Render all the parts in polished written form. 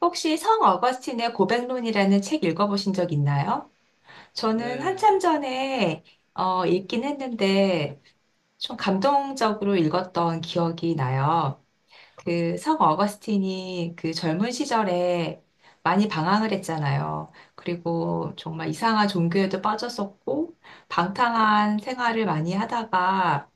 혹시 성 어거스틴의 고백론이라는 책 읽어보신 적 있나요? 저는 네, 한참 전에 읽긴 했는데 좀 감동적으로 읽었던 기억이 나요. 그 성 어거스틴이 그 젊은 시절에 많이 방황을 했잖아요. 그리고 정말 이상한 종교에도 빠졌었고 방탕한 생활을 많이 하다가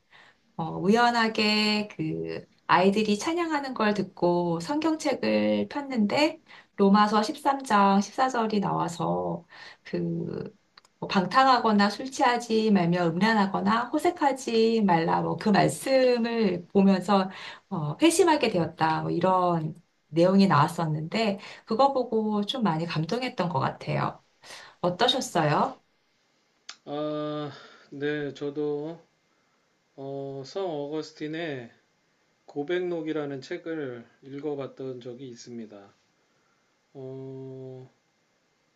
우연하게 그 아이들이 찬양하는 걸 듣고 성경책을 폈는데 로마서 13장 14절이 나와서 그뭐 방탕하거나 술 취하지 말며 음란하거나 호색하지 말라 뭐 그 말씀을 보면서 회심하게 되었다 뭐 이런 내용이 나왔었는데 그거 보고 좀 많이 감동했던 것 같아요. 어떠셨어요? 아, 네, 저도 성 어거스틴의 고백록이라는 책을 읽어봤던 적이 있습니다. 어,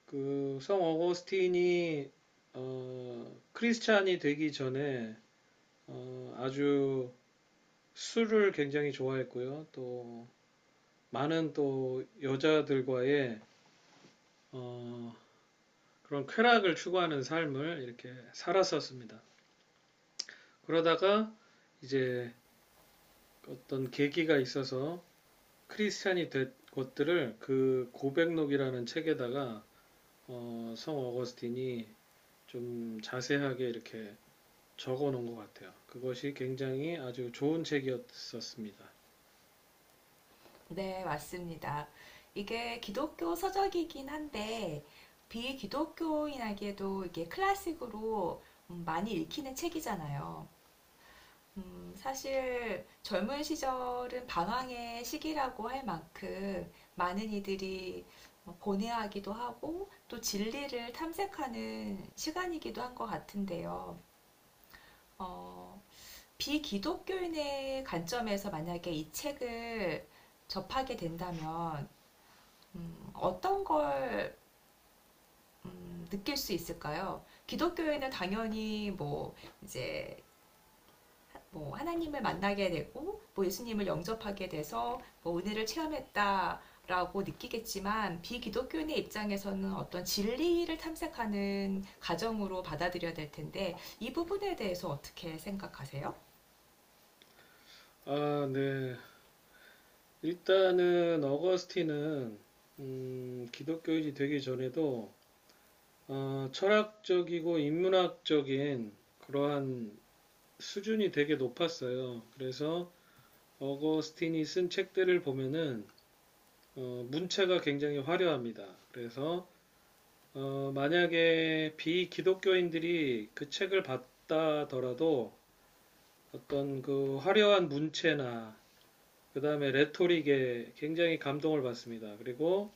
성 어거스틴이 크리스찬이 되기 전에 아주 술을 굉장히 좋아했고요. 또 많은 또 여자들과의 어, 그런 쾌락을 추구하는 삶을 이렇게 살았었습니다. 그러다가 이제 어떤 계기가 있어서 크리스찬이 된 것들을 그 고백록이라는 책에다가 성 어거스틴이 좀 자세하게 이렇게 적어 놓은 것 같아요. 그것이 굉장히 아주 좋은 책이었었습니다. 네, 맞습니다. 이게 기독교 서적이긴 한데, 비기독교인에게도 이게 클래식으로 많이 읽히는 책이잖아요. 사실 젊은 시절은 방황의 시기라고 할 만큼 많은 이들이 고뇌하기도 하고 또 진리를 탐색하는 시간이기도 한 것 같은데요. 어, 비기독교인의 관점에서 만약에 이 책을 접하게 된다면 어떤 걸 느낄 수 있을까요? 기독교에는 당연히 뭐 이제 뭐 하나님을 만나게 되고 뭐 예수님을 영접하게 돼서 뭐 은혜를 체험했다라고 느끼겠지만 비기독교인의 입장에서는 어떤 진리를 탐색하는 과정으로 받아들여야 될 텐데 이 부분에 대해서 어떻게 생각하세요? 아, 네. 일단은 어거스틴은 기독교인이 되기 전에도 철학적이고 인문학적인 그러한 수준이 되게 높았어요. 그래서 어거스틴이 쓴 책들을 보면은 문체가 굉장히 화려합니다. 그래서 만약에 비기독교인들이 그 책을 봤다더라도 어떤 그 화려한 문체나 그 다음에 레토릭에 굉장히 감동을 받습니다. 그리고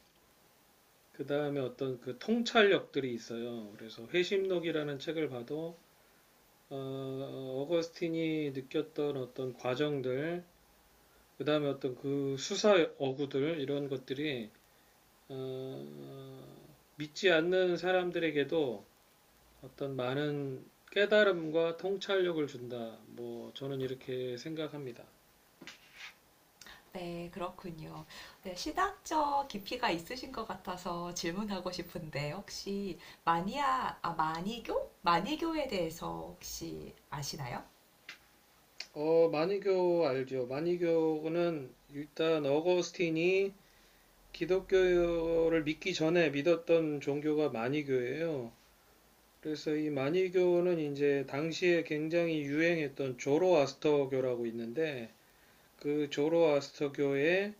그 다음에 어떤 그 통찰력들이 있어요. 그래서 회심록이라는 책을 봐도 어거스틴이 느꼈던 어떤 과정들, 그 다음에 어떤 그 수사 어구들 이런 것들이 어, 믿지 않는 사람들에게도 어떤 많은 깨달음과 통찰력을 준다. 뭐 저는 이렇게 생각합니다. 네, 그렇군요. 네, 신학적 깊이가 있으신 것 같아서 질문하고 싶은데, 혹시 마니아, 아, 마니교? 마니교에 대해서 혹시 아시나요? 마니교 알죠? 마니교는 일단 어거스틴이 기독교를 믿기 전에 믿었던 종교가 마니교예요. 그래서 이 마니교는 이제 당시에 굉장히 유행했던 조로아스터교라고 있는데 그 조로아스터교의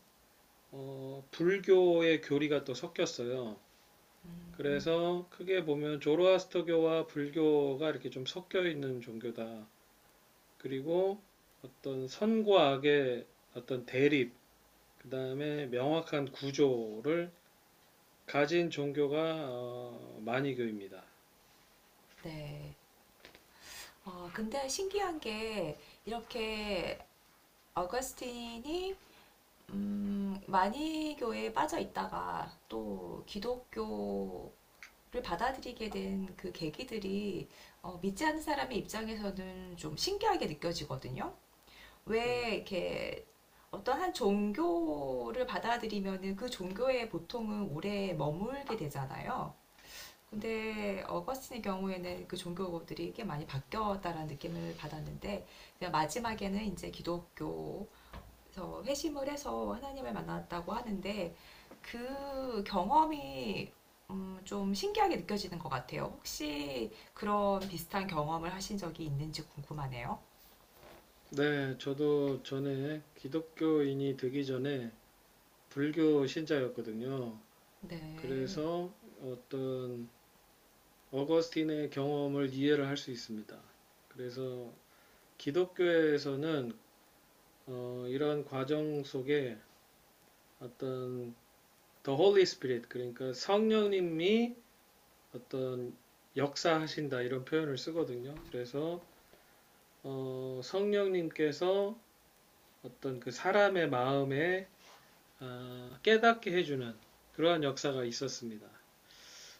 불교의 교리가 또 섞였어요. 그래서 크게 보면 조로아스터교와 불교가 이렇게 좀 섞여 있는 종교다. 그리고 어떤 선과 악의 어떤 대립, 그 다음에 명확한 구조를 가진 종교가 마니교입니다. 네. 근데 신기한 게, 이렇게 어거스틴이, 마니교에 빠져 있다가 또 기독교를 받아들이게 된 그 계기들이, 믿지 않는 사람의 입장에서는 좀 신기하게 느껴지거든요. 왜 이렇게 어떤 한 종교를 받아들이면은 그 종교에 보통은 오래 머물게 되잖아요. 근데 어거스틴의 경우에는 그 종교들이 꽤 많이 바뀌었다라는 느낌을 받았는데 제가 마지막에는 이제 기독교에서 회심을 해서 하나님을 만났다고 하는데 그 경험이 좀 신기하게 느껴지는 것 같아요. 혹시 그런 비슷한 경험을 하신 적이 있는지 궁금하네요. 네, 저도 전에 기독교인이 되기 전에 불교 신자였거든요. 네. 그래서 어떤 어거스틴의 경험을 이해를 할 수 있습니다. 그래서 기독교에서는 이런 과정 속에 어떤 The Holy Spirit, 그러니까 성령님이 어떤 역사하신다 이런 표현을 쓰거든요. 그래서 성령님께서 어떤 그 사람의 마음에 깨닫게 해주는 그러한 역사가 있었습니다.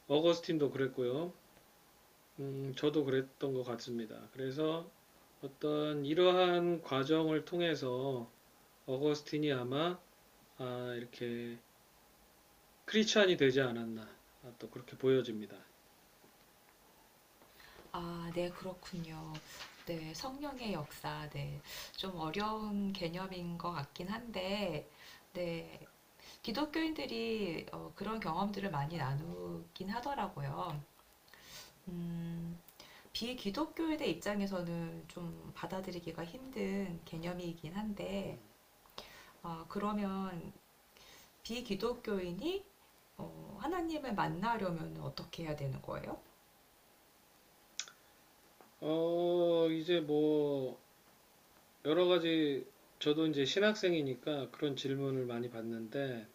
어거스틴도 그랬고요. 저도 그랬던 것 같습니다. 그래서 어떤 이러한 과정을 통해서 어거스틴이 아마 아, 이렇게 크리스찬이 되지 않았나 아, 또 그렇게 보여집니다. 아, 네, 그렇군요. 네, 성령의 역사, 네. 좀 어려운 개념인 것 같긴 한데, 네, 기독교인들이 그런 경험들을 많이 나누긴 하더라고요. 음, 비기독교인의 입장에서는 좀 받아들이기가 힘든 개념이긴 한데, 아, 그러면 비기독교인이 하나님을 만나려면 어떻게 해야 되는 거예요? 이제 뭐 여러 가지, 저도 이제 신학생이니까 그런 질문을 많이 받는데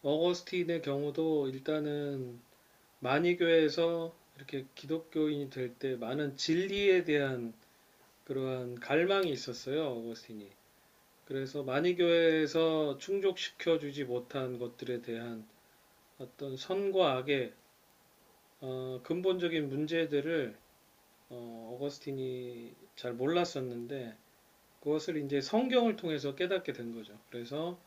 어거스틴의 경우도 일단은 만이교에서 이렇게 기독교인이 될 때 많은 진리에 대한 그러한 갈망이 있었어요, 어거스틴이. 그래서 만이교회에서 충족시켜 주지 못한 것들에 대한 어떤 선과 악의 근본적인 문제들을 어거스틴이 잘 몰랐었는데 그것을 이제 성경을 통해서 깨닫게 된 거죠. 그래서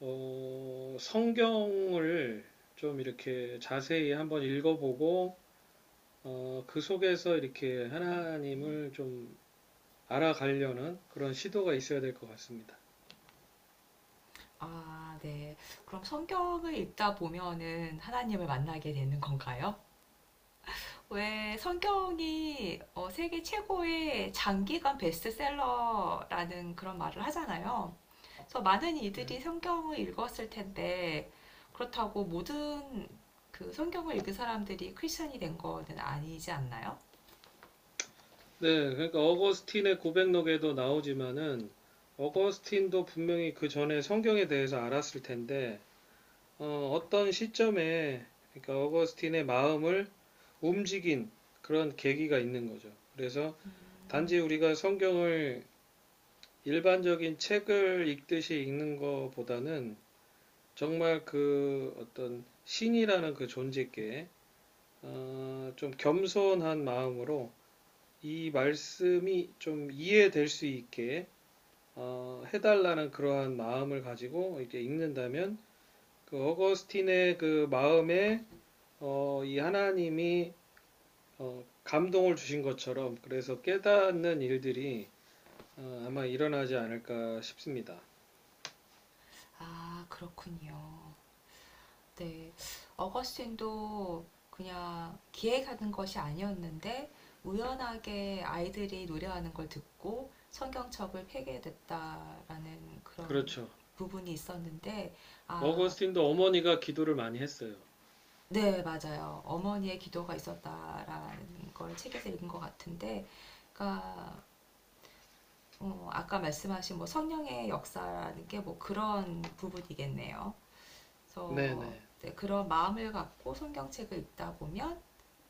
성경을 좀 이렇게 자세히 한번 읽어보고 그 속에서 이렇게 하나님을 좀 알아가려는 그런 시도가 있어야 될 것 같습니다. 아, 네. 그럼 성경을 읽다 보면은 하나님을 만나게 되는 건가요? 왜 성경이 세계 최고의 장기간 베스트셀러라는 그런 말을 하잖아요. 그래서 많은 이들이 성경을 읽었을 텐데 그렇다고 모든 그 성경을 읽은 사람들이 크리스천이 된 거는 아니지 않나요? 네, 그러니까 어거스틴의 고백록에도 나오지만은 어거스틴도 분명히 그 전에 성경에 대해서 알았을 텐데 떤 시점에 그러니까 어거스틴의 마음을 움직인 그런 계기가 있는 거죠. 그래서 음, 단지 우리가 성경을 일반적인 책을 읽듯이 읽는 것보다는 정말 그 어떤 신이라는 그 존재께 좀 겸손한 마음으로 이 말씀이 좀 이해될 수 있게 해달라는 그러한 마음을 가지고 이제 읽는다면 그 어거스틴의 그 마음에 이 하나님이 감동을 주신 것처럼 그래서 깨닫는 일들이 아마 일어나지 않을까 싶습니다. 아, 그렇군요. 네. 어거스틴도 그냥 기획하는 것이 아니었는데 우연하게 아이들이 노래하는 걸 듣고 성경책을 폐기됐다라는 그런 그렇죠. 부분이 있었는데 아, 어거스틴도 어머니가 기도를 많이 했어요. 네, 맞아요. 어머니의 기도가 있었다라는 걸 책에서 읽은 것 같은데 그러니까 아까 말씀하신 뭐 성령의 역사라는 게 뭐 그런 부분이겠네요. 그래서 네네. 네, 그런 마음을 갖고 성경책을 읽다 보면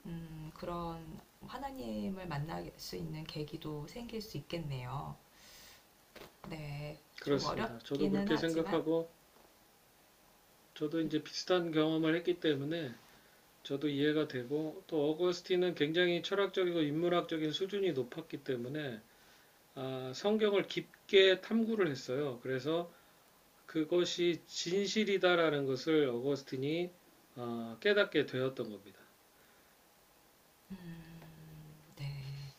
그런 하나님을 만날 수 있는 계기도 생길 수 있겠네요. 네, 좀 그렇습니다. 저도 어렵기는 그렇게 하지만, 생각하고 저도 이제 비슷한 경험을 했기 때문에 저도 이해가 되고 또 어거스틴은 굉장히 철학적이고 인문학적인 수준이 높았기 때문에 아, 성경을 깊게 탐구를 했어요. 그래서 그것이 진실이다라는 것을 어거스틴이 깨닫게 되었던 겁니다. 네,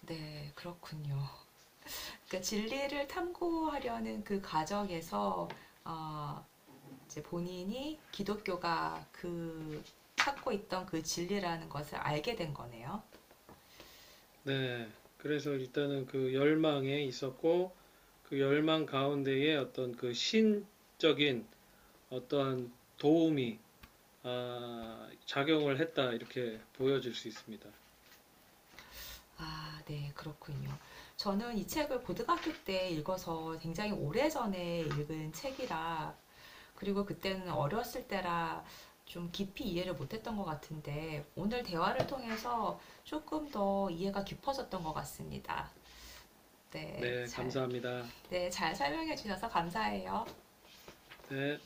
네, 그렇군요. 그러니까 진리를 탐구하려는 그 과정에서, 어, 이제 본인이 기독교가 그 찾고 있던 그 진리라는 것을 알게 된 거네요. 네. 그래서 일단은 그 열망에 있었고 그 열망 가운데에 어떤 그 신적인 어떠한 도움이 아, 작용을 했다 이렇게 보여질 수 있습니다. 아, 네, 그렇군요. 저는 이 책을 고등학교 때 읽어서 굉장히 오래전에 읽은 책이라 그리고 그때는 어렸을 때라 좀 깊이 이해를 못했던 것 같은데 오늘 대화를 통해서 조금 더 이해가 깊어졌던 것 같습니다. 네, 네, 잘, 감사합니다. 네, 잘 설명해 주셔서 감사해요. 네.